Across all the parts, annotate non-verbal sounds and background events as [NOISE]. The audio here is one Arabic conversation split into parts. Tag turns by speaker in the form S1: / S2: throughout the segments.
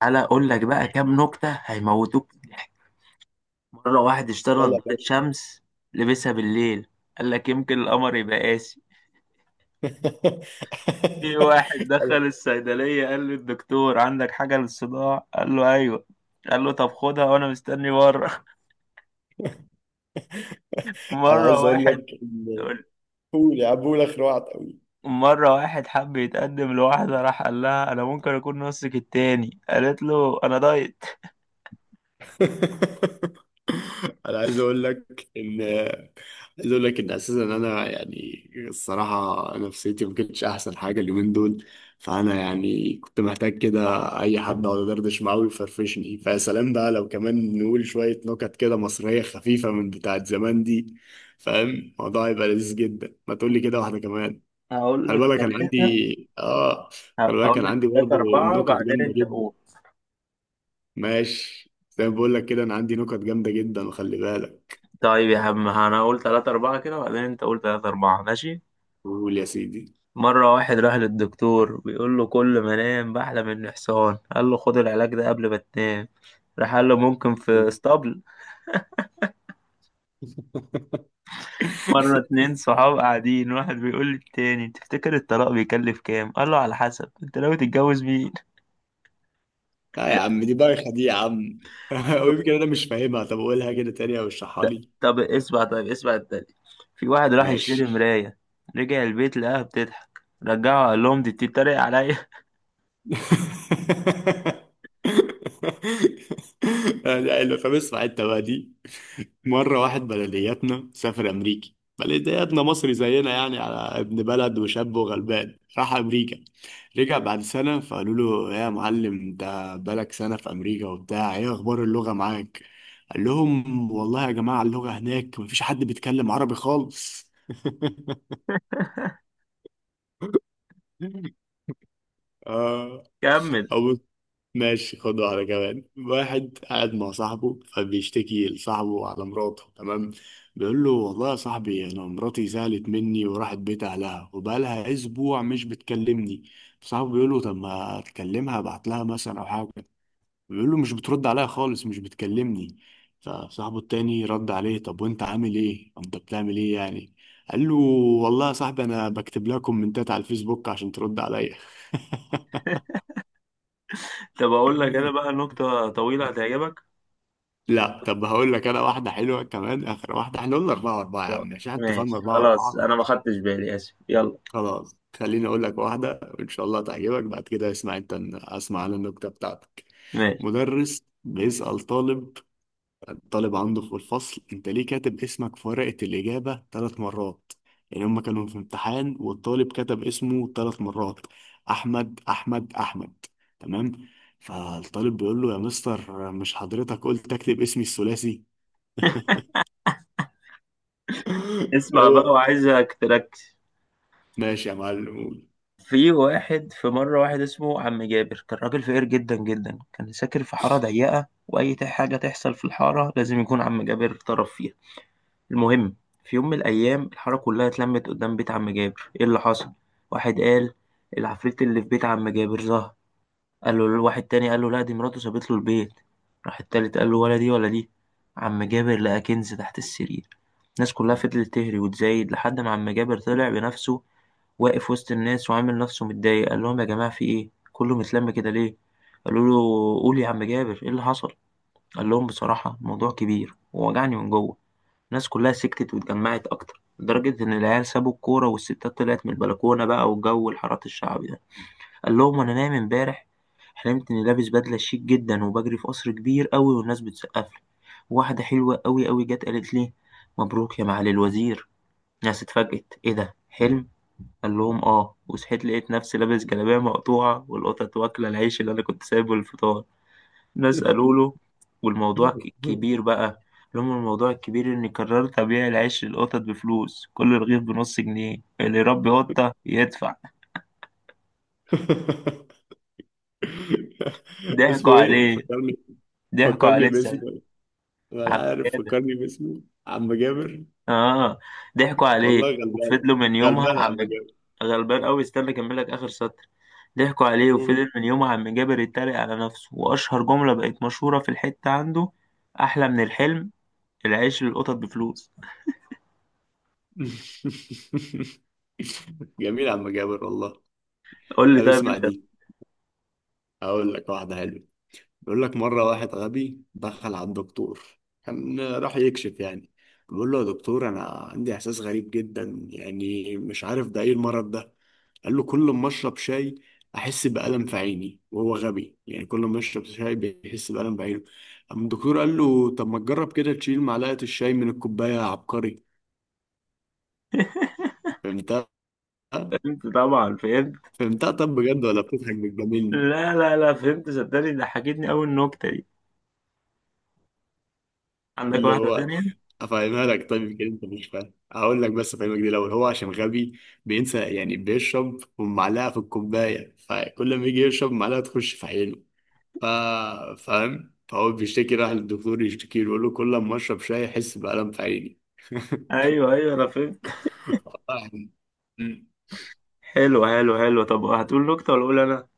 S1: تعالى اقول لك بقى كام نكته هيموتوك من الضحك. مره واحد اشترى
S2: يلا يا
S1: نظاره
S2: باشا.
S1: شمس، لبسها بالليل، قال لك يمكن القمر يبقى قاسي.
S2: [LAUGHS]
S1: في واحد دخل
S2: انا
S1: الصيدليه، قال له الدكتور عندك حاجه للصداع؟ قال له ايوه. قال له طب خدها وانا مستني بره. [LAUGHS]
S2: أنا
S1: مره
S2: عايز اقول
S1: واحد،
S2: لك ان، قول يا عم، قول اخر واحد قوي.
S1: مرة واحد حب يتقدم لواحدة، راح قال لها أنا ممكن أكون نصك التاني، قالت له أنا دايت.
S2: [LAUGHS] انا عايز اقول لك ان عايز اقول لك ان اساسا انا يعني الصراحه نفسيتي ما كانتش احسن حاجه اليومين دول. فانا يعني كنت محتاج كده اي حد اقعد ادردش معاه ويفرفشني. فيا سلام بقى لو كمان نقول شويه نكت كده مصريه خفيفه من بتاعت زمان دي. فاهم الموضوع هيبقى لذيذ جدا، ما تقول لي كده واحده كمان.
S1: هقول
S2: خلي
S1: لك
S2: بالك كان
S1: ثلاثة،
S2: عندي اه خلي بالك
S1: هقول
S2: كان
S1: لك
S2: عندي
S1: ثلاثة
S2: برضه
S1: أربعة
S2: نكت
S1: بعدين
S2: جامده
S1: أنت
S2: جدا.
S1: قول.
S2: ماشي، زي ما بقول لك كده، انا عندي نكت جامده جدا، وخلي بالك.
S1: طيب يا عم انا اقول تلاتة اربعة كده وبعدين انت قول تلاتة اربعة، ماشي.
S2: قول يا سيدي.
S1: مرة واحد راح للدكتور، بيقول له كل ما انام بحلم اني حصان، قال له خد العلاج ده قبل ما تنام، راح قال له ممكن في
S2: [LAUGHS]
S1: اسطبل؟ مرة اتنين صحاب قاعدين، واحد بيقول للتاني تفتكر الطلاق بيكلف كام؟ قال له على حسب انت ناوي تتجوز مين.
S2: لا يا عم، دي بايخه دي يا عم. [LAUGHS] ويمكن انا مش فاهمها، طب قولها كده تاني او اشرحها لي.
S1: طب اسمع، طيب اسمع التاني. في واحد راح يشتري
S2: ماشي.
S1: مراية، رجع البيت لقاها بتضحك، رجعه قال لهم دي بتتريق عليا. [LAUGHS]
S2: [LAUGHS] لا لا، فبسمع انت بقى دي. مرة واحد بلدياتنا سافر أمريكي، بلدياتنا مصري زينا يعني، على ابن بلد وشاب وغلبان راح أمريكا. رجع بعد سنة فقالوا له يا معلم أنت بقالك سنة في أمريكا وبتاع، إيه أخبار اللغة معاك؟ قال لهم والله يا جماعة اللغة هناك مفيش حد بيتكلم عربي خالص. [LAUGHS] آه.
S1: كمل.
S2: ماشي، خد واحدة كمان. واحد قاعد مع صاحبه فبيشتكي لصاحبه على مراته. تمام. بيقول له والله يا صاحبي أنا مراتي زعلت مني وراحت بيت أهلها وبقالها أسبوع مش بتكلمني. صاحبه بيقول له طب ما أكلمها، أبعت لها مثلا أو حاجة. بيقول له مش بترد عليا خالص، مش بتكلمني. فصاحبه التاني رد عليه طب وأنت عامل إيه؟ أنت بتعمل إيه يعني؟ قال له والله يا صاحبي أنا بكتب لها كومنتات على الفيسبوك عشان ترد عليا.
S1: طب اقول لك انا بقى نكتة طويلة
S2: [LAUGHS]
S1: هتعجبك.
S2: لا طب هقول لك انا واحده حلوه كمان، اخر واحده. احنا قلنا اربعه واربعه يا
S1: خلاص،
S2: عم عشان انت فاهم
S1: ماشي
S2: اربعه
S1: خلاص
S2: واربعه.
S1: انا ما خدتش بالي، اسف، يلا.
S2: خلاص خليني اقول لك واحده وان شاء الله تعجبك، بعد كده اسمع انت، اسمع على النكته بتاعتك.
S1: ماشي.
S2: مدرس بيسأل طالب، الطالب عنده في الفصل، انت ليه كاتب اسمك في ورقه الاجابه ثلاث مرات؟ يعني هما كانوا في امتحان والطالب كتب اسمه ثلاث مرات، احمد احمد احمد، تمام. فالطالب بيقول له يا مستر مش حضرتك قلت اكتب اسمي الثلاثي؟ [LAUGHS] [LAUGHS]
S1: اسمع بقى
S2: هو
S1: وعايزك تركز.
S2: ماشي يا معلم قول.
S1: في واحد، في مرة واحد اسمه عم جابر، كان راجل فقير جدا جدا، كان ساكن في حارة ضيقة، وأي حاجة تحصل في الحارة لازم يكون عم جابر طرف فيها. المهم، في يوم من الأيام الحارة كلها اتلمت قدام بيت عم جابر. إيه اللي حصل؟ واحد قال العفريت اللي في بيت عم جابر ظهر، قال له الواحد تاني قال له لا دي مراته سابت له البيت، راح التالت قال له ولا دي ولا دي، عم جابر لقى كنز تحت السرير. الناس كلها فضلت تهري وتزايد لحد ما عم جابر طلع بنفسه، واقف وسط الناس وعامل نفسه متضايق، قال لهم يا جماعة في ايه كله متلم كده ليه؟ قالوا له قول يا عم جابر ايه اللي حصل. قال لهم بصراحة الموضوع كبير ووجعني من جوه. الناس كلها سكتت واتجمعت اكتر، لدرجة ان العيال سابوا الكورة والستات طلعت من البلكونة بقى، والجو الحارات الشعبي ده. قال لهم انا نايم امبارح حلمت اني لابس بدله شيك جدا وبجري في قصر كبير قوي والناس بتسقف لي، واحده حلوه قوي قوي جت قالت لي مبروك يا معالي الوزير. الناس اتفاجئت، ايه ده حلم؟ قال لهم اه، وصحيت لقيت نفسي لابس جلابيه مقطوعه والقطط واكله العيش اللي انا كنت سايبه للفطار. الناس قالوا
S2: [LAUGHS]
S1: له والموضوع كبير بقى. قال لهم الموضوع الكبير اني قررت ابيع العيش للقطط بفلوس، كل رغيف بنص جنيه، اللي يربي قطه يدفع. ضحكوا
S2: اسمه ايه
S1: عليه.
S2: فكرني،
S1: ضحكوا
S2: فكرني
S1: عليه.
S2: باسمه، ولا
S1: عم
S2: عارف
S1: جابر.
S2: فكرني باسمه. عم جابر.
S1: اه. ضحكوا عليه
S2: والله غلبانه،
S1: وفضلوا من يومها
S2: غلبانه
S1: عم.
S2: عم جابر.
S1: غلبان قوي، استنى اكمل لك اخر سطر. ضحكوا عليه
S2: قول.
S1: وفضل من يومها عم جابر يتريق على نفسه، واشهر جملة بقت مشهورة في الحتة عنده، احلى من الحلم، العيش للقطط بفلوس.
S2: [LAUGHS] جميل يا عم جابر والله.
S1: قول لي
S2: طب
S1: طيب
S2: اسمع
S1: انت.
S2: دي، هقول لك واحده حلوه. بيقول لك مرة واحد غبي دخل على الدكتور، كان راح يكشف يعني. بيقول له يا دكتور أنا عندي إحساس غريب جدا، يعني مش عارف ده إيه المرض ده. قال له كل ما أشرب شاي أحس بألم في عيني. وهو غبي يعني كل ما يشرب شاي بيحس بألم في عينه. أما الدكتور قال له طب ما تجرب كده تشيل معلقة الشاي من الكوباية يا عبقري.
S1: [LAUGHS]
S2: فهمتها؟
S1: فهمت، طبعا فهمت.
S2: فهمتها، طب بجد ولا بتضحك بتجاملني؟
S1: لا لا لا فهمت، صدقني ضحكتني قوي النكتة دي. عندك
S2: اللي
S1: واحدة
S2: هو،
S1: تانية؟
S2: افهمها لك، طيب يمكن انت مش فاهم، هقول لك بس افهمك دي الاول. هو عشان غبي بينسى، يعني بيشرب ومعلقه في الكوبايه، فكل ما يجي يشرب معلقه تخش في عينه. ف... فاهم، فهو بيشتكي، راح للدكتور يشتكي له يقول له كل ما اشرب شاي احس بألم في عيني. [LAUGHS]
S1: ايوه ايوه انا فهمت.
S2: والله. أمم.
S1: حلو حلو حلو، طب هتقول نكتة ولا اقول انا؟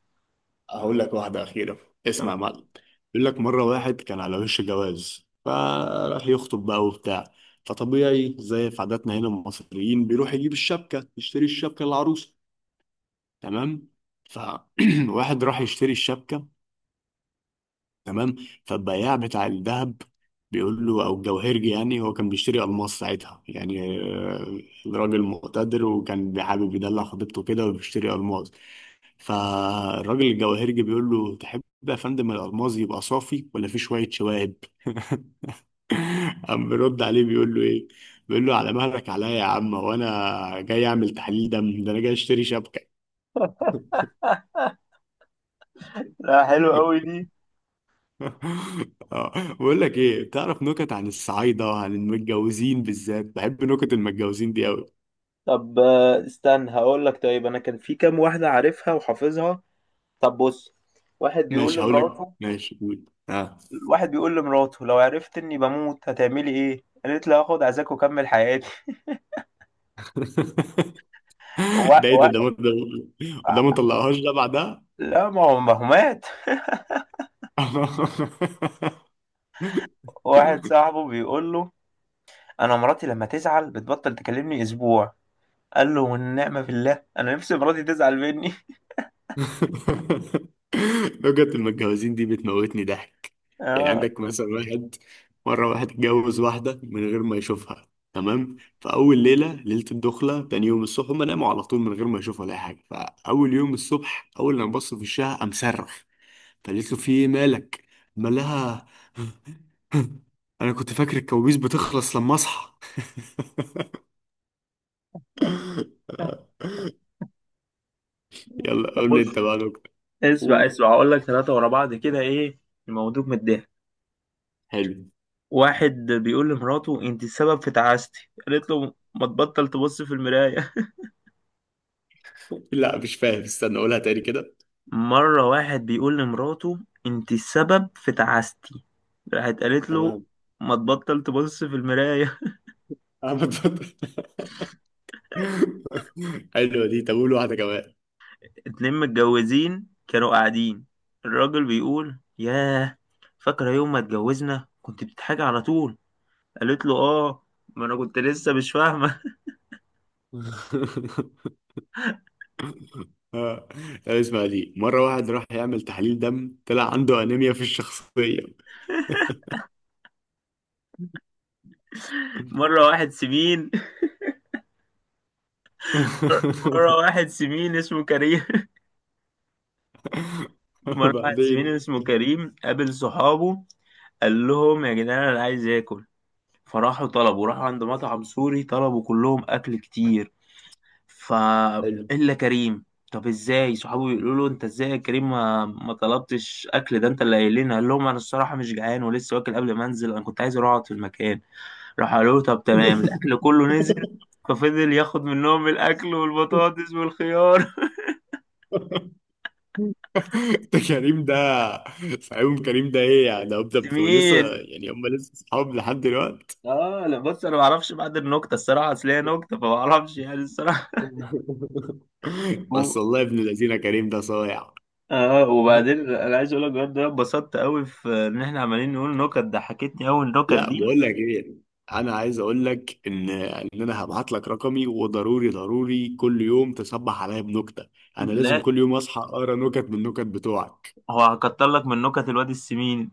S2: هقول لك واحده اخيره، اسمع
S1: تمام.
S2: يا معلم. يقول لك مره واحد كان على وش جواز، فراح يخطب بقى وبتاع. فطبيعي زي في عاداتنا هنا المصريين بيروح يجيب الشبكه، يشتري الشبكه للعروسه، تمام. فواحد [CLEARS THROAT] راح يشتري الشبكة، تمام. فالبياع بتاع الذهب بيقول له، او الجوهرجي يعني، هو كان بيشتري الماس ساعتها يعني، آه، راجل مقتدر وكان حابب يدلع خطيبته كده وبيشتري الماس. فالراجل الجوهرجي بيقول له تحب يا فندم الالماس يبقى صافي ولا فيه شوية شوائب؟ [LAUGHS] قام بيرد عليه بيقول له ايه، بيقول له على مهلك عليا يا عم، وانا جاي اعمل تحليل دم؟ ده انا جاي اشتري شبكة.
S1: لا حلو
S2: [LAUGHS]
S1: قوي دي.
S2: [LAUGHS] آه، بقول لك ايه، تعرف نكت عن الصعايده وعن المتجوزين؟ بالذات بحب نكت المتجوزين دي قوي.
S1: طب استنى، هقول لك، طيب انا كان في كام واحده عارفها وحافظها. طب بص، واحد بيقول
S2: ماشي هقول لك.
S1: لمراته،
S2: ماشي قول اه.
S1: واحد بيقول لمراته لو عرفت اني بموت هتعملي ايه؟ قالت له هاخد عزاك واكمل حياتي. [LAUGHS]
S2: [LAUGHS]
S1: و...
S2: ده ايه ده
S1: و...
S2: ده ما- ده ما- ده ما طلعهاش ده بعدها.
S1: لا ما هو، ما هو مات. [LAUGHS] واحد
S2: [LAUGHS]
S1: صاحبه بيقول له انا مراتي لما تزعل بتبطل تكلمني اسبوع، قال له والنعمه بالله، [LAUGHS] انا نفسي مراتي تزعل مني. [LAUGHS]
S2: [LAUGHS] لغة المتجوزين دي بتموتني ضحك. يعني
S1: اه.
S2: عندك مثلا واحد، مرة واحد اتجوز واحدة من غير ما يشوفها، تمام. فأول ليلة، ليلة الدخلة، تاني يوم الصبح، هما ناموا على طول من غير ما يشوفوا ولا أي حاجة. فأول يوم الصبح، أول لما بص في وشها قام صرخ. فقالت له في إيه مالك؟ قال لها [LAUGHS] أنا كنت فاكر الكوابيس بتخلص لما أصحى. [LAUGHS] يلا
S1: طب
S2: قول لي أنت
S1: بص،
S2: بقى نكتة.
S1: اسمع
S2: قول.
S1: اسمع هقول لك ثلاثه ورا بعض كده، ايه الموضوع متضايق.
S2: حلو.
S1: واحد بيقول لمراته انت السبب في تعاستي، قالت له ما تبطل تبص في المراية.
S2: لا مش فاهم، استنى أقولها تاني كده.
S1: [LAUGHS] مرة واحد بيقول لمراته انت السبب في تعاستي، راحت قالت له
S2: تمام.
S1: ما تبطل تبص في المراية.
S2: انا بتفضل. [LAUGHS] حلوه دي، طب قول واحده كمان.
S1: [LAUGHS] اتنين متجوزين كانوا قاعدين، الراجل بيقول ياه، فاكرة يوم ما اتجوزنا كنت بتضحكي على طول؟ قالت له اه، ما انا كنت لسه مش فاهمة.
S2: [LAUGHS] آه. طب اسمع دي، مره واحد راح يعمل تحليل دم طلع عنده انيميا في الشخصيه.
S1: [LAUGHS] مرة واحد سمين، مرة واحد سمين اسمه كريم،
S2: [LAUGHS]
S1: مرة واحد زميلي
S2: وبعدين.
S1: اسمه كريم قابل صحابه، قال لهم يا جدعان أنا عايز آكل، فراحوا طلبوا، راحوا عند مطعم سوري، طلبوا كلهم أكل كتير، ف...
S2: حلو.
S1: إلا كريم. طب إزاي؟ صحابه بيقولوا له أنت إزاي يا كريم ما طلبتش أكل ده أنت اللي قايل لنا؟ قال لهم أنا الصراحة مش جعان ولسه واكل قبل ما أنزل، أنا كنت عايز أروح أقعد في المكان. راح قالوا له طب تمام. الأكل كله نزل، ففضل ياخد منهم الأكل والبطاطس والخيار.
S2: ده كريم ده، فاهم كريم ده ايه يعني؟ ده
S1: [LAUGHS]
S2: بتبقوا لسه
S1: مين؟
S2: يعني، هم لسه اصحاب لحد دلوقتي؟
S1: اه لا بص انا ما اعرفش بعد النكته الصراحه، اصل هي نكته فما اعرفش يعني الصراحه.
S2: [LAUGHS]
S1: و...
S2: بس والله ابن الذين كريم ده صايع.
S1: اه وبعدين انا عايز اقول لك بجد أنا اتبسطت قوي في ان احنا عمالين نقول نكت، ضحكتني قوي النكت
S2: لا
S1: دي.
S2: بقول لك ايه، انا عايز اقول لك ان انا هبعت لك رقمي، وضروري ضروري كل يوم تصبح عليا بنكته. انا لازم
S1: لا،
S2: كل يوم اصحى اقرا نكت من النكت بتوعك.
S1: هو هكتر لك من نكت الواد السمين.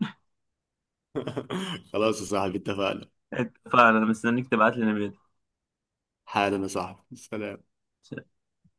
S2: [LAUGHS] خلاص يا صاحبي اتفقنا.
S1: [LAUGHS] فانا مستنيك تبعت لي نبات.
S2: حالا يا صاحبي سلام.